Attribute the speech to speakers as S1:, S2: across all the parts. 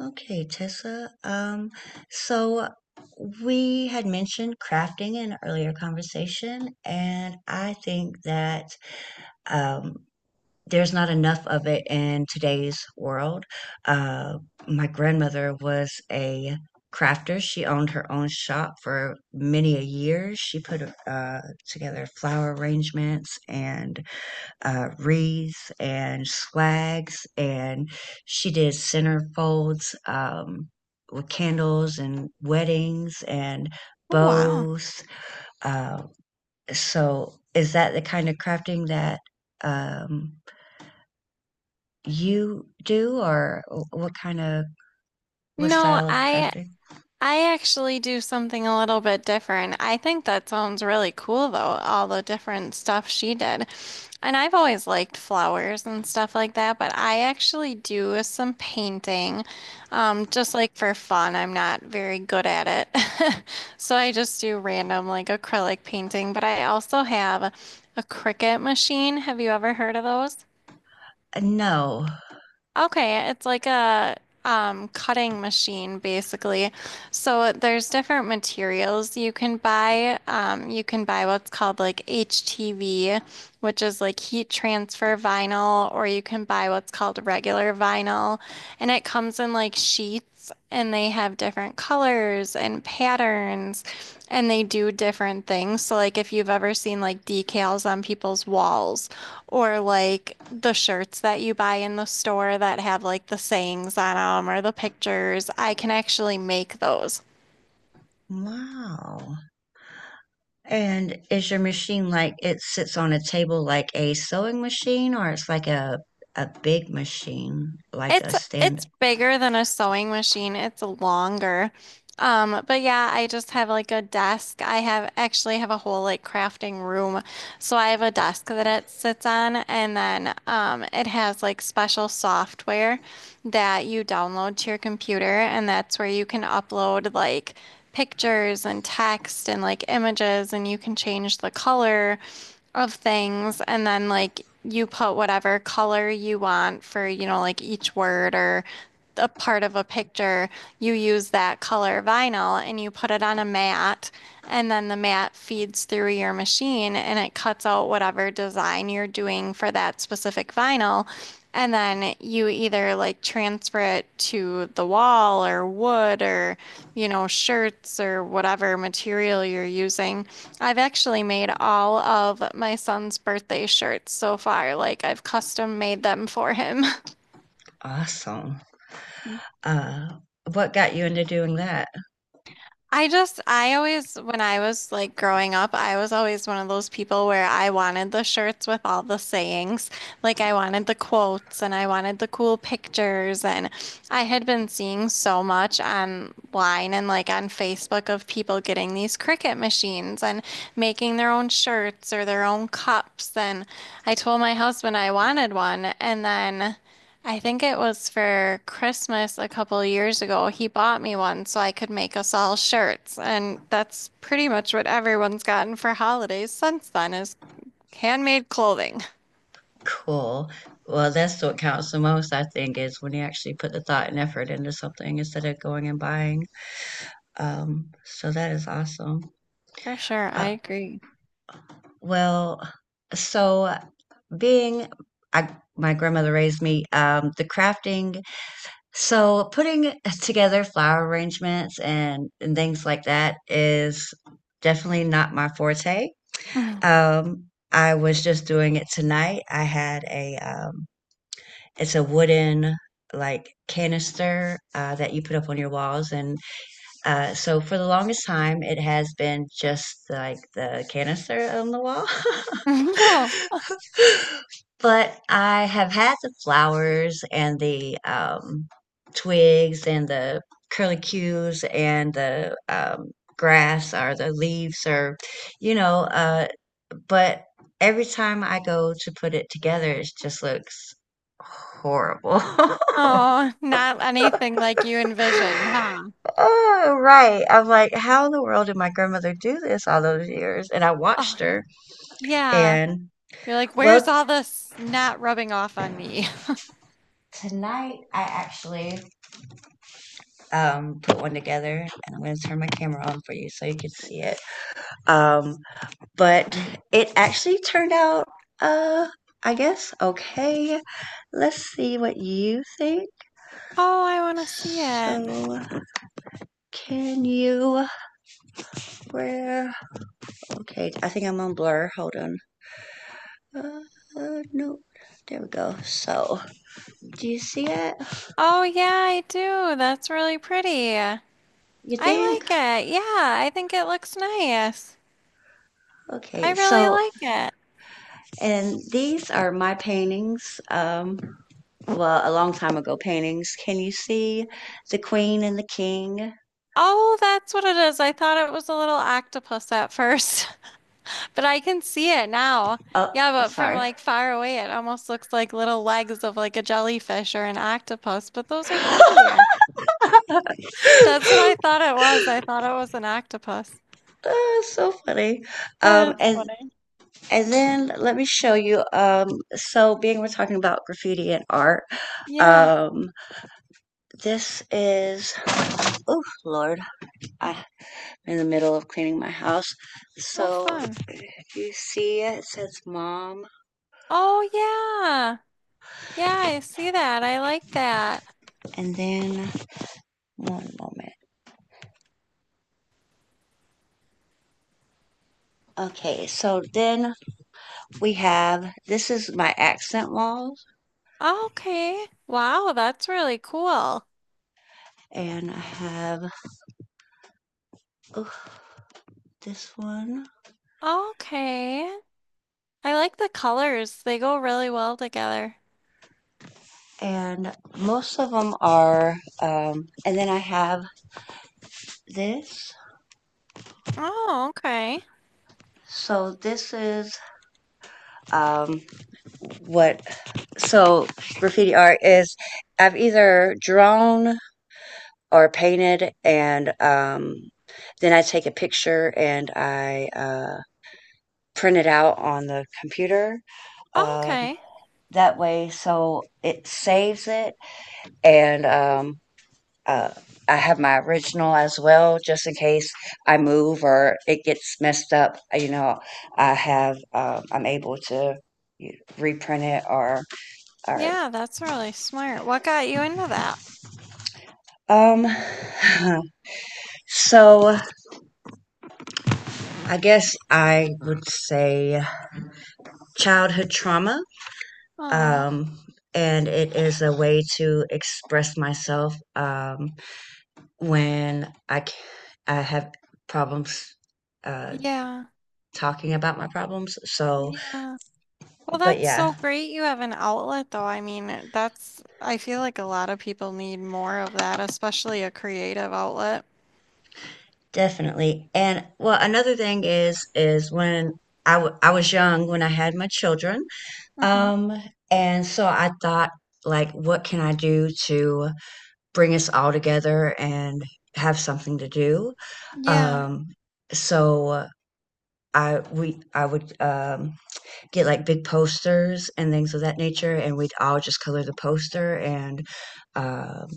S1: Okay, Tessa. So we had mentioned crafting in an earlier conversation, and I think that um, there's not enough of it in today's world. Uh, my grandmother was a crafter. She owned her own shop for many a year. She put together flower arrangements and wreaths and swags, and she did centerfolds with candles and weddings and
S2: Oh, wow.
S1: bows. Uh, so, is that the kind of crafting that um, you do, or what kind of what
S2: No,
S1: style of
S2: I
S1: crafting?
S2: I actually do something a little bit different. I think that sounds really cool though, all the different stuff she did. And I've always liked flowers and stuff like that, but I actually do some painting, just like for fun. I'm not very good at it. So I just do random like acrylic painting, but I also have a Cricut machine. Have you ever heard of those?
S1: No.
S2: Okay, it's like a cutting machine basically. So there's different materials you can buy. You can buy what's called like HTV, which is like heat transfer vinyl, or you can buy what's called regular vinyl. And it comes in like sheets and they have different colors and patterns and they do different things. So like if you've ever seen like decals on people's walls or like the shirts that you buy in the store that have like the sayings on them or the pictures, I can actually make those.
S1: Wow. And is your machine like it sits on a table like a sewing machine or it's like a big machine, like a
S2: It's
S1: stand?
S2: it's bigger than a sewing machine. It's longer. But yeah, I just have like a desk. I have actually have a whole like crafting room. So I have a desk that it sits on, and then it has like special software that you download to your computer, and that's where you can upload like pictures and text and like images, and you can change the color of things and then like you put whatever color you want for, you know, like each word or a part of a picture, you use that color vinyl and you put it on a mat, and then the mat feeds through your machine and it cuts out whatever design you're doing for that specific vinyl. And then you either like transfer it to the wall or wood or, you know, shirts or whatever material you're using. I've actually made all of my son's birthday shirts so far. Like I've custom made them for him.
S1: Awesome. Uh, what got you into doing that?
S2: I always, when I was like growing up, I was always one of those people where I wanted the shirts with all the sayings. Like I wanted the quotes and I wanted the cool pictures. And I had been seeing so much online and like on Facebook of people getting these Cricut machines and making their own shirts or their own cups. And I told my husband I wanted one. And then I think it was for Christmas a couple years ago. He bought me one so I could make us all shirts, and that's pretty much what everyone's gotten for holidays since then is handmade clothing.
S1: Cool. Well, that's what counts the most, I think, is when you actually put the thought and effort into something instead of going and buying. So that is awesome.
S2: For sure, I
S1: Uh,
S2: agree.
S1: well, so being I, my grandmother raised me, the crafting, so putting together flower arrangements and things like that is definitely not my forte. Um, I was just doing it tonight. I had a it's a wooden like canister that you put up on your walls, and so for the longest time, it has been just like the canister on the wall.
S2: No,
S1: But I have had the flowers and the twigs and the curlicues and the grass or the leaves or, you know, but every time I go to put it together, it just looks horrible.
S2: oh, not anything like you envisioned, huh?
S1: Oh, right. I'm like, how in the world did my grandmother do this all those years? And I
S2: Oh,
S1: watched her.
S2: yeah.
S1: And
S2: You're like, where's
S1: well,
S2: all this not rubbing off on me?
S1: tonight I actually put one together and I'm going to turn my camera on for you so you can see it. Um, but it actually turned out, uh, I guess, okay. Let's see what you think.
S2: Oh, I want to see it.
S1: So, can you, where, okay, I think I'm on blur. Hold on. Uh, no, there we go. So, do you see it?
S2: Oh, yeah, I do. That's really pretty. I
S1: You think?
S2: like it. Yeah, I think it looks nice. I
S1: Okay,
S2: really
S1: so,
S2: like it.
S1: and these are my paintings. Um, well, a long time ago paintings. Can you see the queen and the king?
S2: Oh, that's what it is. I thought it was a little octopus at first, but I can see it now.
S1: Oh,
S2: Yeah, but from
S1: sorry.
S2: like far away, it almost looks like little legs of like a jellyfish or an octopus, but those are prettier. That's what I thought it was. I thought it was an octopus.
S1: Ah, so funny. Um,
S2: That is
S1: and
S2: funny.
S1: And then let me show you. So, being we're talking about graffiti and art,
S2: Yeah.
S1: um, this is, oh Lord, I'm in the middle of cleaning my house.
S2: Oh,
S1: So,
S2: fun.
S1: you see it, says mom.
S2: Oh, yeah. Yeah, I see that. I like that.
S1: And then, one moment. Okay, so then we have, this is my accent walls.
S2: Okay. Wow, that's really cool.
S1: And I have, oh, this one.
S2: Okay. I like the colors. They go really well together.
S1: And most of them are, and then I have this.
S2: Oh, okay.
S1: So this is um, what so graffiti art is. I've either drawn or painted, and then I take a picture and I print it out on the computer. Um,
S2: Okay.
S1: that way, so it saves it, and Uh, I have my original as well, just in case I move or it gets messed up. You know, I have I'm able to reprint it or
S2: Yeah, that's really smart. What got you into that?
S1: um. so I guess I would say childhood trauma.
S2: Oh,
S1: Um, and it is a way to express myself when I have problems uh,
S2: yeah.
S1: talking about my problems. So,
S2: Yeah. Well,
S1: but
S2: that's
S1: yeah.
S2: so great you have an outlet though. I mean, that's I feel like a lot of people need more of that, especially a creative outlet.
S1: Definitely. And well, another thing is when I was young when I had my children.
S2: Mm-hmm.
S1: Um, and so I thought like what can I do to bring us all together and have something to do?
S2: Yeah.
S1: Um, so I would get like big posters and things of that nature, and we'd all just color the poster. And um,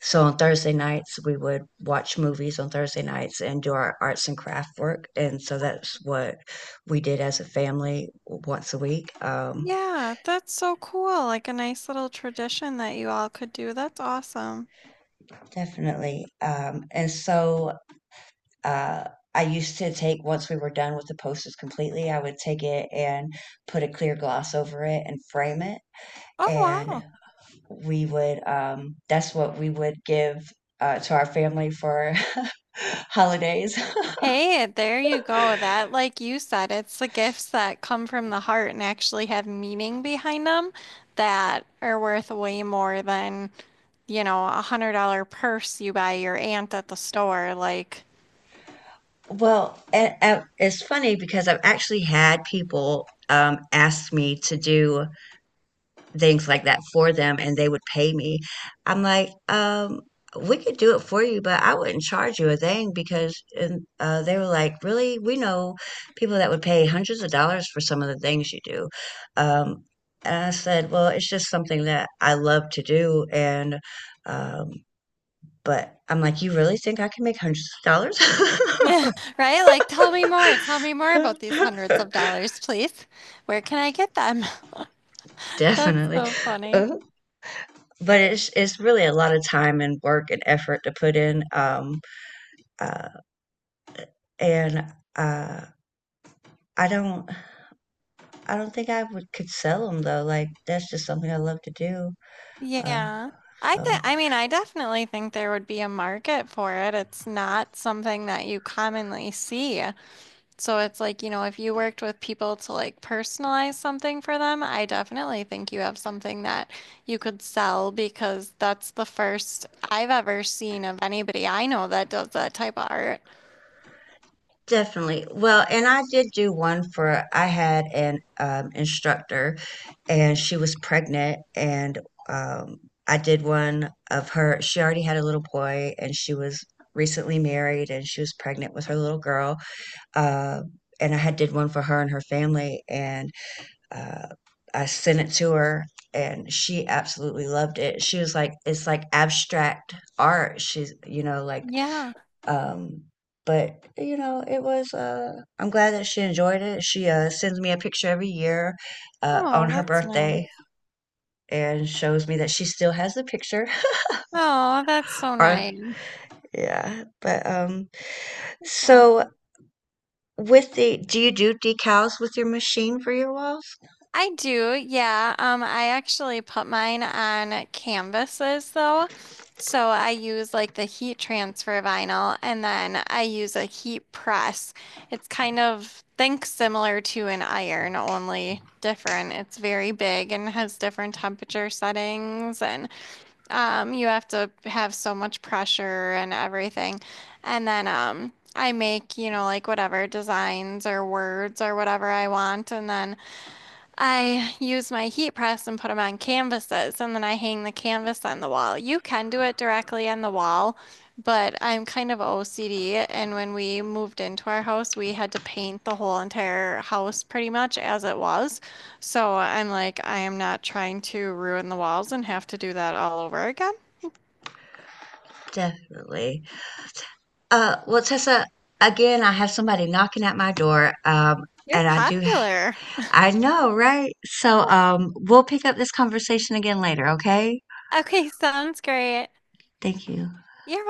S1: so on Thursday nights, we would watch movies on Thursday nights and do our arts and craft work. And so that's what we did as a family once a week.
S2: Yeah, that's so cool. Like a nice little tradition that you all could do. That's awesome.
S1: Definitely. And so uh, I used to take, once we were done with the posters completely, I would take it and put a clear gloss over it and frame it.
S2: Oh,
S1: And
S2: wow.
S1: we would that's what we would give to our family for holidays.
S2: Hey, there you go. That, like you said, it's the gifts that come from the heart and actually have meaning behind them that are worth way more than, you know, $100 purse you buy your aunt at the store. Like,
S1: Well, and it's funny because I've actually had people ask me to do things like that for them and they would pay me. I'm like, we could do it for you, but I wouldn't charge you a thing because and they were like, really? We know people that would pay hundreds of dollars for some of the things you do. Um, and I said, well, it's just something that I love to do. Um, but I'm like, you really think I can make hundreds
S2: right? Like, tell me more. Tell
S1: of
S2: me more about these hundreds
S1: dollars?
S2: of dollars, please. Where can I get them? That's
S1: Definitely.
S2: so funny.
S1: But it's really a lot of time and work and effort to put in. Uh, and uh, I don't I don't think I would could sell them though. Like that's just something I love to do. Uh,
S2: Yeah. I think,
S1: so
S2: I mean, I definitely think there would be a market for it. It's not something that you commonly see. So it's like, you know, if you worked with people to like personalize something for them, I definitely think you have something that you could sell because that's the first I've ever seen of anybody I know that does that type of art.
S1: definitely. Well, and I did do one for I had an instructor, and she was pregnant, and um, I did one of her. She already had a little boy, and she was recently married, and she was pregnant with her little girl. Uh, and I had did one for her and her family, and uh, I sent it to her, and she absolutely loved it. She was like, "It's like abstract art." She's, you know, like,
S2: Yeah.
S1: um, but you know, it was. I'm glad that she enjoyed it. She sends me a picture every year on
S2: Oh,
S1: her
S2: that's
S1: birthday
S2: nice.
S1: and shows me that she still has the picture.
S2: Oh, that's so
S1: Or
S2: nice.
S1: yeah, but
S2: That's awesome.
S1: so with the, do you do decals with your machine for your walls?
S2: I do, yeah. I actually put mine on canvases though. So I use like the heat transfer vinyl and then I use a heat press. It's kind of think similar to an iron, only different. It's very big and has different temperature settings and you have to have so much pressure and everything. And then I make, you know, like whatever designs or words or whatever I want and then I use my heat press and put them on canvases, and then I hang the canvas on the wall. You can do it directly on the wall, but I'm kind of OCD, and when we moved into our house, we had to paint the whole entire house pretty much as it was. So I'm like, I am not trying to ruin the walls and have to do that all over again.
S1: Definitely. Well, Tessa, again, I have somebody knocking at my door,
S2: You're
S1: and I do,
S2: popular.
S1: I know, right? So, we'll pick up this conversation again later, okay?
S2: Okay, sounds great.
S1: Thank you.
S2: You're welcome.